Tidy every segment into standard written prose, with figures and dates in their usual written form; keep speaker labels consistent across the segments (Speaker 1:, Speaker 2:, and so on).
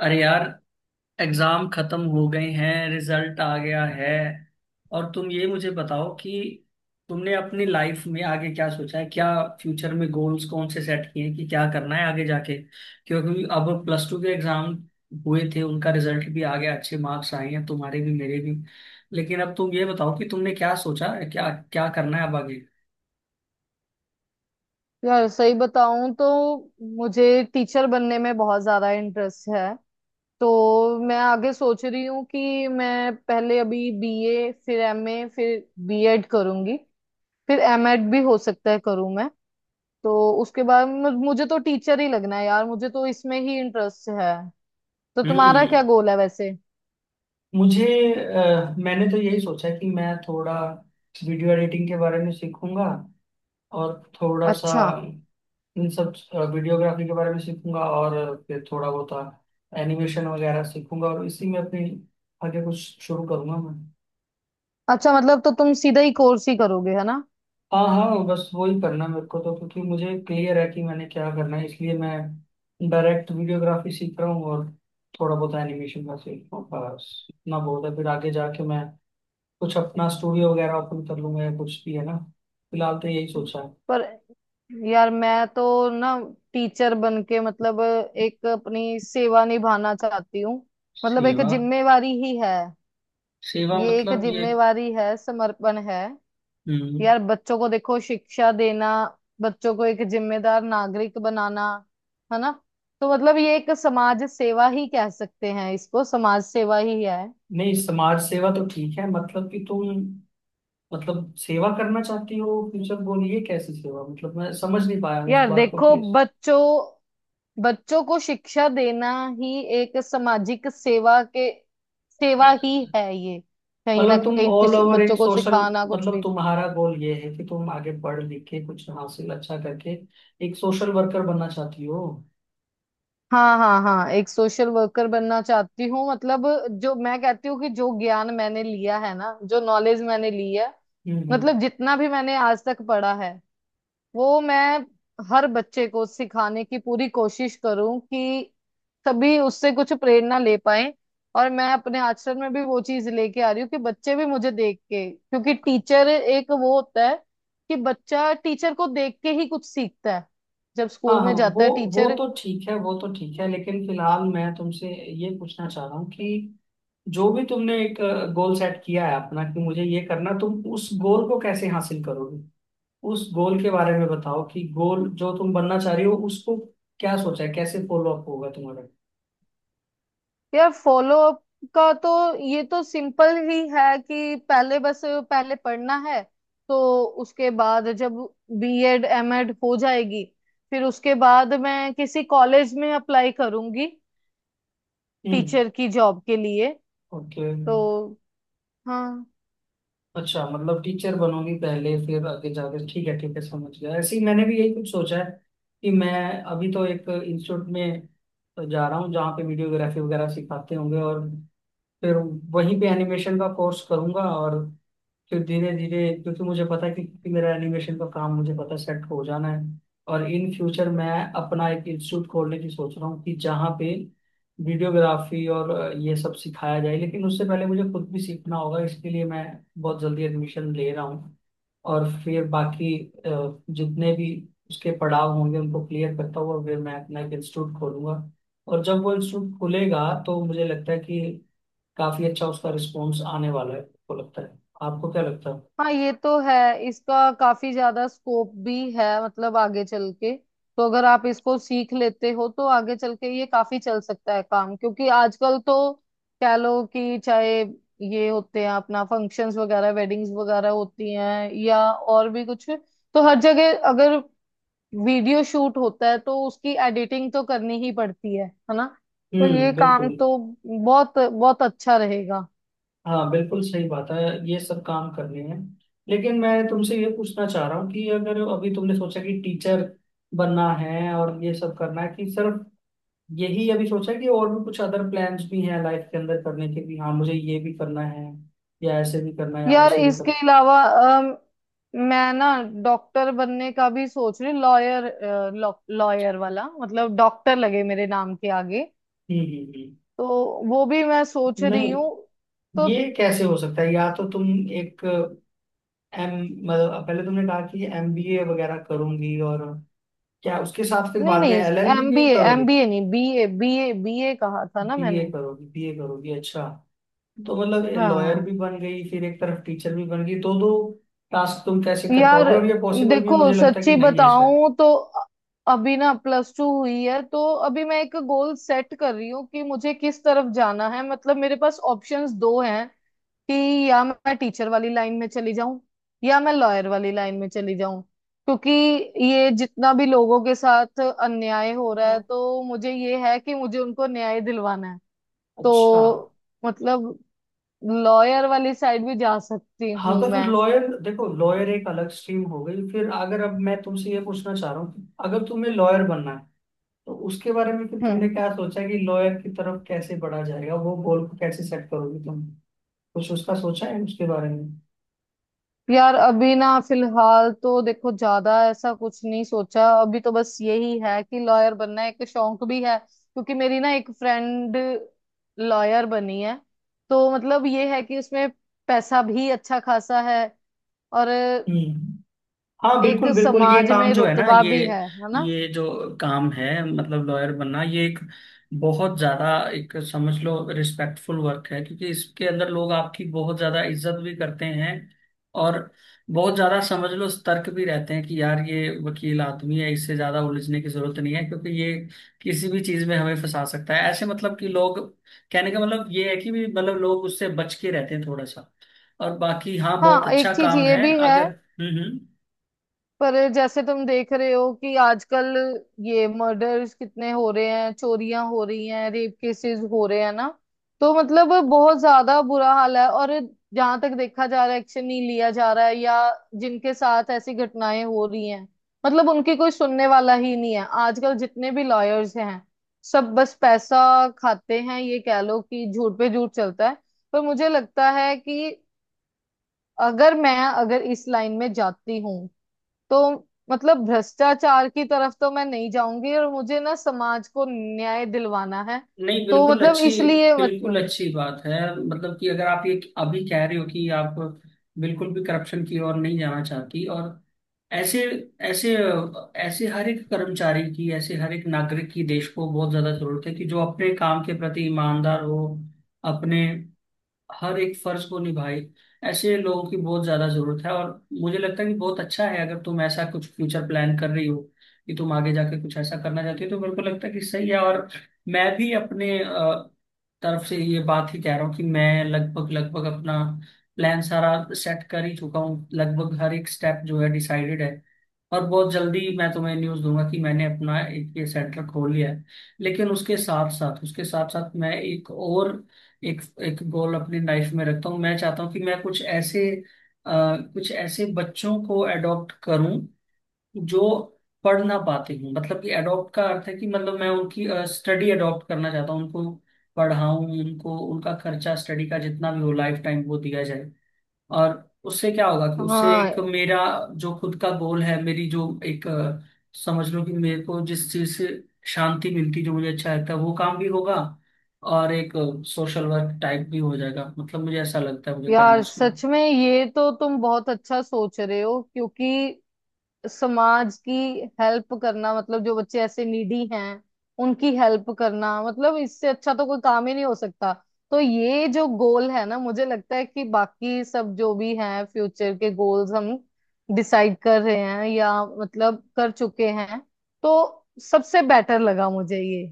Speaker 1: अरे यार, एग्जाम खत्म हो गए हैं, रिजल्ट आ गया है। और तुम ये मुझे बताओ कि तुमने अपनी लाइफ में आगे क्या सोचा है, क्या फ्यूचर में गोल्स कौन से सेट किए हैं कि क्या करना है आगे जाके। क्योंकि अब प्लस टू के एग्जाम हुए थे, उनका रिजल्ट भी आ गया, अच्छे मार्क्स आए हैं तुम्हारे भी मेरे भी। लेकिन अब तुम ये बताओ कि तुमने क्या सोचा है, क्या क्या करना है अब आगे।
Speaker 2: यार सही बताऊं तो मुझे टीचर बनने में बहुत ज्यादा इंटरेस्ट है। तो मैं आगे सोच रही हूँ कि मैं पहले अभी B.A. फिर M.A. फिर B.Ed. करूंगी। फिर M.Ed. भी हो सकता है करूँ मैं। तो उसके बाद मुझे तो टीचर ही लगना है यार, मुझे तो इसमें ही इंटरेस्ट है। तो तुम्हारा
Speaker 1: हम्म।
Speaker 2: क्या गोल है वैसे?
Speaker 1: मुझे मैंने तो यही सोचा कि मैं थोड़ा वीडियो एडिटिंग के बारे में सीखूंगा और थोड़ा सा
Speaker 2: अच्छा।
Speaker 1: इन सब वीडियोग्राफी के बारे में सीखूंगा, और फिर थोड़ा बहुत एनिमेशन वगैरह सीखूंगा और इसी में अपनी आगे कुछ शुरू करूंगा मैं।
Speaker 2: अच्छा मतलब तो तुम सीधा ही कोर्स ही करोगे है ना?
Speaker 1: हाँ हाँ, बस वही करना है मेरे को तो, क्योंकि मुझे क्लियर है कि मैंने क्या करना है, इसलिए मैं डायरेक्ट वीडियोग्राफी सीख रहा हूँ और थोड़ा बहुत एनिमेशन का सीख रहा हूँ, बस इतना बहुत है। फिर आगे जाके मैं कुछ अपना स्टूडियो वगैरह ओपन कर लूंगा या कुछ भी, है ना। फिलहाल तो यही सोचा है।
Speaker 2: पर यार मैं तो ना टीचर बन के मतलब एक अपनी सेवा निभाना चाहती हूँ। मतलब एक
Speaker 1: सेवा।
Speaker 2: जिम्मेवारी ही है।
Speaker 1: सेवा
Speaker 2: ये एक
Speaker 1: मतलब ये।
Speaker 2: जिम्मेवारी है, समर्पण है।
Speaker 1: हम्म।
Speaker 2: यार बच्चों को देखो शिक्षा देना, बच्चों को एक जिम्मेदार नागरिक बनाना, है ना। तो मतलब ये एक समाज सेवा ही कह सकते हैं इसको, समाज सेवा ही है।
Speaker 1: नहीं, समाज सेवा तो ठीक है, मतलब कि तुम मतलब सेवा करना चाहती हो, फ्यूचर गोल ये कैसी सेवा, मतलब मैं समझ नहीं पाया हूँ इस
Speaker 2: यार
Speaker 1: बात को,
Speaker 2: देखो
Speaker 1: प्लीज।
Speaker 2: बच्चों, बच्चों को शिक्षा देना ही एक सामाजिक सेवा के, सेवा ही है ये। कहीं ना
Speaker 1: मतलब तुम
Speaker 2: कहीं
Speaker 1: ऑल
Speaker 2: कुछ
Speaker 1: ओवर एक
Speaker 2: बच्चों को
Speaker 1: सोशल,
Speaker 2: सिखाना कुछ
Speaker 1: मतलब
Speaker 2: भी।
Speaker 1: तुम्हारा गोल ये है कि तुम आगे पढ़ लिख के कुछ हासिल अच्छा करके एक सोशल वर्कर बनना चाहती हो।
Speaker 2: हाँ हाँ हाँ, एक सोशल वर्कर बनना चाहती हूँ। मतलब जो मैं कहती हूँ कि जो ज्ञान मैंने लिया है ना, जो नॉलेज मैंने ली है,
Speaker 1: हम्म हम्म।
Speaker 2: मतलब जितना भी मैंने आज तक पढ़ा है, वो मैं हर बच्चे को सिखाने की पूरी कोशिश करूं कि सभी उससे कुछ प्रेरणा ले पाए। और मैं अपने आचरण में भी वो चीज लेके आ रही हूँ कि बच्चे भी मुझे देख के, क्योंकि टीचर एक वो होता है कि बच्चा टीचर को देख के ही कुछ सीखता है जब
Speaker 1: हाँ
Speaker 2: स्कूल
Speaker 1: हाँ,
Speaker 2: में जाता है
Speaker 1: वो
Speaker 2: टीचर।
Speaker 1: तो ठीक है, वो तो ठीक है, लेकिन फिलहाल मैं तुमसे ये पूछना चाह रहा हूँ कि जो भी तुमने एक गोल सेट किया है अपना कि मुझे ये करना, तुम उस गोल को कैसे हासिल करोगे, उस गोल के बारे में बताओ कि गोल जो तुम बनना चाह रही हो उसको क्या सोचा है, कैसे फॉलो अप होगा तुम्हारा।
Speaker 2: यार फॉलो अप का तो ये तो सिंपल ही है कि पहले बस पहले पढ़ना है। तो उसके बाद जब B.Ed. M.Ed. हो जाएगी फिर उसके बाद मैं किसी कॉलेज में अप्लाई करूंगी
Speaker 1: हम्म।
Speaker 2: टीचर की जॉब के लिए।
Speaker 1: ओके।
Speaker 2: तो हाँ।
Speaker 1: अच्छा, मतलब टीचर बनोगी पहले फिर आगे जाकर, ठीक है ठीक है, समझ गया। ऐसे ही मैंने भी यही कुछ सोचा है कि मैं अभी तो एक इंस्टीट्यूट में जा रहा हूँ जहाँ पे वीडियोग्राफी वगैरह सिखाते होंगे, और फिर वहीं पे एनिमेशन का कोर्स करूंगा, और फिर धीरे धीरे, क्योंकि मुझे पता है कि मेरा एनिमेशन का काम मुझे पता है सेट हो जाना है। और इन फ्यूचर मैं अपना एक इंस्टीट्यूट खोलने की सोच रहा हूँ कि जहाँ पे वीडियोग्राफी और ये सब सिखाया जाए, लेकिन उससे पहले मुझे खुद भी सीखना होगा, इसके लिए मैं बहुत जल्दी एडमिशन ले रहा हूँ। और फिर बाकी जितने भी उसके पड़ाव होंगे उनको क्लियर करता हुआ फिर मैं अपना एक इंस्टीट्यूट खोलूंगा। और जब वो इंस्टीट्यूट खुलेगा तो मुझे लगता है कि काफी अच्छा उसका रिस्पॉन्स आने वाला है। आपको लगता है, आपको क्या लगता है?
Speaker 2: हाँ ये तो है, इसका काफी ज्यादा स्कोप भी है मतलब आगे चल के। तो अगर आप इसको सीख लेते हो तो आगे चल के ये काफी चल सकता है काम, क्योंकि आजकल तो कह लो कि चाहे ये होते हैं अपना फंक्शंस वगैरह, वेडिंग्स वगैरह होती हैं या और भी कुछ, तो हर जगह अगर वीडियो शूट होता है तो उसकी एडिटिंग तो करनी ही पड़ती है ना। तो ये
Speaker 1: हम्म,
Speaker 2: काम
Speaker 1: बिल्कुल।
Speaker 2: तो बहुत बहुत अच्छा रहेगा।
Speaker 1: हाँ बिल्कुल सही बात है, ये सब काम करने हैं। लेकिन मैं तुमसे ये पूछना चाह रहा हूँ कि अगर अभी तुमने सोचा कि टीचर बनना है और ये सब करना है, कि सिर्फ यही अभी सोचा है कि और भी कुछ अदर प्लान्स भी हैं लाइफ के अंदर करने के भी, हाँ मुझे ये भी करना है या ऐसे भी करना है या
Speaker 2: यार
Speaker 1: वैसे भी
Speaker 2: इसके
Speaker 1: करना है।
Speaker 2: अलावा मैं ना डॉक्टर बनने का भी सोच रही, लॉयर, लॉयर वाला मतलब डॉक्टर लगे मेरे नाम के आगे।
Speaker 1: हम्म।
Speaker 2: तो वो भी मैं सोच
Speaker 1: हम्म।
Speaker 2: रही
Speaker 1: नहीं,
Speaker 2: हूँ। तो
Speaker 1: ये कैसे हो सकता है? या तो तुम एक एम, मतलब पहले तुमने कहा कि एमबीए वगैरह करूंगी, और क्या उसके साथ फिर
Speaker 2: नहीं
Speaker 1: बाद में
Speaker 2: नहीं,
Speaker 1: एलएलबी भी
Speaker 2: एमबीए
Speaker 1: करोगे?
Speaker 2: एमबीए नहीं, B.A., बीए बीए कहा था ना
Speaker 1: बीए
Speaker 2: मैंने।
Speaker 1: करोगी, बीए करोगी, अच्छा। तो मतलब लॉयर
Speaker 2: हाँ।
Speaker 1: भी बन गई फिर एक तरफ टीचर भी बन गई, दो दो टास्क तुम कैसे कर
Speaker 2: यार
Speaker 1: पाओगे? और ये पॉसिबल भी
Speaker 2: देखो
Speaker 1: मुझे लगता है कि
Speaker 2: सच्ची
Speaker 1: नहीं है शायद।
Speaker 2: बताऊं तो अभी ना प्लस टू हुई है, तो अभी मैं एक गोल सेट कर रही हूँ कि मुझे किस तरफ जाना है। मतलब मेरे पास ऑप्शंस दो हैं कि या मैं टीचर वाली लाइन में चली जाऊं या मैं लॉयर वाली लाइन में चली जाऊं, क्योंकि ये जितना भी लोगों के साथ अन्याय हो रहा है
Speaker 1: हाँ।
Speaker 2: तो मुझे ये है कि मुझे उनको न्याय दिलवाना है।
Speaker 1: अच्छा।
Speaker 2: तो मतलब लॉयर वाली साइड भी जा सकती
Speaker 1: हाँ
Speaker 2: हूँ
Speaker 1: तो फिर
Speaker 2: मैं।
Speaker 1: लॉयर, देखो लॉयर एक अलग स्ट्रीम हो गई फिर, अगर अब मैं तुमसे ये पूछना चाह रहा हूँ कि अगर तुम्हें लॉयर बनना है तो उसके बारे में फिर तुमने
Speaker 2: हम्म।
Speaker 1: क्या सोचा है कि लॉयर की तरफ कैसे बढ़ा जाएगा, वो गोल को कैसे सेट करोगी तुम, कुछ उसका सोचा है उसके बारे में?
Speaker 2: यार अभी ना फिलहाल तो देखो ज्यादा ऐसा कुछ नहीं सोचा, अभी तो बस यही है कि लॉयर बनना एक शौक भी है क्योंकि मेरी ना एक फ्रेंड लॉयर बनी है। तो मतलब ये है कि उसमें पैसा भी अच्छा खासा है, और
Speaker 1: हम्म। हाँ
Speaker 2: एक
Speaker 1: बिल्कुल बिल्कुल, ये
Speaker 2: समाज
Speaker 1: काम
Speaker 2: में
Speaker 1: जो है ना,
Speaker 2: रुतबा भी है ना।
Speaker 1: ये जो काम है मतलब लॉयर बनना, ये एक बहुत ज्यादा एक समझ लो रिस्पेक्टफुल वर्क है, क्योंकि इसके अंदर लोग आपकी बहुत ज्यादा इज्जत भी करते हैं और बहुत ज्यादा समझ लो सतर्क भी रहते हैं कि यार ये वकील आदमी है, इससे ज्यादा उलझने की जरूरत नहीं है, क्योंकि ये किसी भी चीज में हमें फंसा सकता है ऐसे, मतलब कि लोग, कहने का मतलब ये है कि भी मतलब लोग उससे बच के रहते हैं थोड़ा सा। और बाकी हाँ बहुत
Speaker 2: हाँ एक
Speaker 1: अच्छा
Speaker 2: चीज
Speaker 1: काम
Speaker 2: ये
Speaker 1: है
Speaker 2: भी है।
Speaker 1: अगर। हम्म।
Speaker 2: पर जैसे तुम देख रहे हो कि आजकल ये मर्डर्स कितने हो रहे हैं, चोरियां हो रही हैं, रेप केसेस हो रहे हैं ना। तो मतलब बहुत ज्यादा बुरा हाल है, और जहां तक देखा जा रहा है एक्शन नहीं लिया जा रहा है, या जिनके साथ ऐसी घटनाएं हो रही हैं मतलब उनकी कोई सुनने वाला ही नहीं है। आजकल जितने भी लॉयर्स हैं सब बस पैसा खाते हैं, ये कह लो कि झूठ पे झूठ चलता है। पर मुझे लगता है कि अगर इस लाइन में जाती हूँ तो मतलब भ्रष्टाचार की तरफ तो मैं नहीं जाऊंगी, और मुझे ना समाज को न्याय दिलवाना है।
Speaker 1: नहीं
Speaker 2: तो
Speaker 1: बिल्कुल
Speaker 2: मतलब
Speaker 1: अच्छी,
Speaker 2: इसलिए
Speaker 1: बिल्कुल
Speaker 2: मतलब,
Speaker 1: अच्छी बात है, मतलब कि अगर आप ये अभी कह रहे हो कि आप बिल्कुल भी करप्शन की ओर नहीं जाना चाहती, और ऐसे ऐसे ऐसे हर एक कर्मचारी की, ऐसे हर एक नागरिक की देश को बहुत ज्यादा जरूरत है कि जो अपने काम के प्रति ईमानदार हो, अपने हर एक फर्ज को निभाए, ऐसे लोगों की बहुत ज्यादा जरूरत है। और मुझे लगता है कि बहुत अच्छा है अगर तुम ऐसा कुछ फ्यूचर प्लान कर रही हो कि तुम आगे जाके कुछ ऐसा करना चाहती हो, तो मेरे को लगता है कि सही है। और मैं भी अपने तरफ से ये बात ही कह रहा हूँ कि मैं लगभग लगभग अपना प्लान सारा सेट कर ही चुका हूँ, लगभग हर एक स्टेप जो है डिसाइडेड है। और बहुत जल्दी मैं तुम्हें न्यूज़ दूंगा कि मैंने अपना एक ये सेंटर खोल लिया है। लेकिन उसके साथ साथ, उसके साथ साथ, मैं एक और एक एक गोल अपनी लाइफ में रखता हूँ, मैं चाहता हूँ कि मैं कुछ ऐसे कुछ ऐसे बच्चों को अडॉप्ट करूँ जो पढ़ ना पाते हूँ, मतलब कि अडॉप्ट का अर्थ है कि मतलब मैं उनकी स्टडी अडॉप्ट करना चाहता हूँ, उनको पढ़ाऊँ उनको, उनका खर्चा स्टडी का जितना भी हो लाइफ टाइम वो दिया जाए। और उससे क्या होगा कि उससे
Speaker 2: हाँ।
Speaker 1: एक मेरा जो खुद का गोल है, मेरी जो एक समझ लो कि मेरे को जिस चीज से शांति मिलती जो मुझे अच्छा लगता है, वो काम भी होगा और एक सोशल वर्क टाइप भी हो जाएगा, मतलब मुझे ऐसा लगता है मुझे करना
Speaker 2: यार
Speaker 1: चाहिए।
Speaker 2: सच में ये तो तुम बहुत अच्छा सोच रहे हो, क्योंकि समाज की हेल्प करना, मतलब जो बच्चे ऐसे नीडी हैं उनकी हेल्प करना, मतलब इससे अच्छा तो कोई काम ही नहीं हो सकता। तो ये जो गोल है ना, मुझे लगता है कि बाकी सब जो भी हैं फ्यूचर के गोल्स हम डिसाइड कर रहे हैं या मतलब कर चुके हैं, तो सबसे बेटर लगा मुझे ये,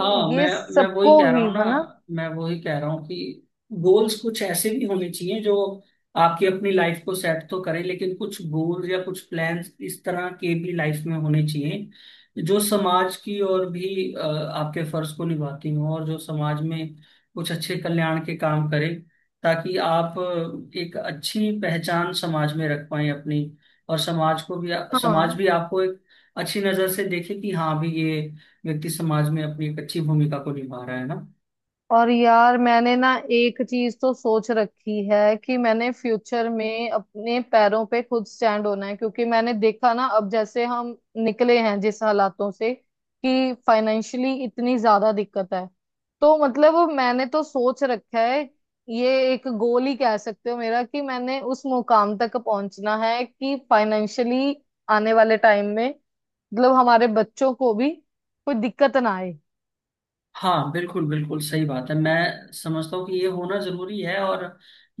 Speaker 1: हाँ,
Speaker 2: कि
Speaker 1: मैं
Speaker 2: ये
Speaker 1: मैं वही
Speaker 2: सबको
Speaker 1: कह रहा
Speaker 2: ही
Speaker 1: हूँ ना,
Speaker 2: है ना।
Speaker 1: मैं वही कह रहा हूँ कि गोल्स कुछ ऐसे भी होने चाहिए जो आपकी अपनी लाइफ को सेट तो करे, लेकिन कुछ गोल्स या कुछ प्लान्स इस तरह के भी लाइफ में होने चाहिए जो समाज की और भी आपके फर्ज को निभाती हो और जो समाज में कुछ अच्छे कल्याण के काम करे, ताकि आप एक अच्छी पहचान समाज में रख पाए अपनी और समाज को भी, समाज
Speaker 2: हाँ।
Speaker 1: भी आपको एक अच्छी नजर से देखे कि हाँ भी ये व्यक्ति समाज में अपनी एक अच्छी भूमिका को निभा रहा है, ना।
Speaker 2: और यार मैंने ना एक चीज तो सोच रखी है कि मैंने फ्यूचर में अपने पैरों पे खुद स्टैंड होना है, क्योंकि मैंने देखा ना अब जैसे हम निकले हैं जिस हालातों से, कि फाइनेंशियली इतनी ज्यादा दिक्कत है। तो मतलब मैंने तो सोच रखा है, ये एक गोल ही कह सकते हो मेरा, कि मैंने उस मुकाम तक पहुंचना है कि फाइनेंशियली आने वाले टाइम में मतलब हमारे बच्चों को भी कोई दिक्कत ना आए।
Speaker 1: हाँ बिल्कुल बिल्कुल सही बात है, मैं समझता हूँ कि ये होना जरूरी है। और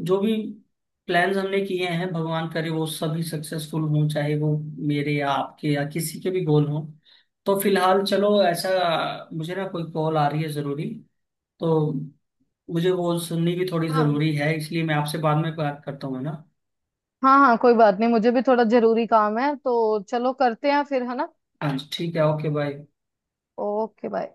Speaker 1: जो भी प्लान्स हमने किए हैं भगवान करे वो सभी सक्सेसफुल हों, चाहे वो मेरे या आपके या किसी के भी गोल हों। तो फिलहाल चलो ऐसा, मुझे ना कोई कॉल आ रही है जरूरी, तो मुझे वो सुननी भी थोड़ी
Speaker 2: हाँ
Speaker 1: जरूरी है, इसलिए मैं आपसे बाद में बात करता हूँ, है ना।
Speaker 2: हाँ हाँ, कोई बात नहीं, मुझे भी थोड़ा जरूरी काम है तो चलो करते हैं फिर, है ना।
Speaker 1: हाँ जी ठीक है, ओके बाय।
Speaker 2: Okay bye.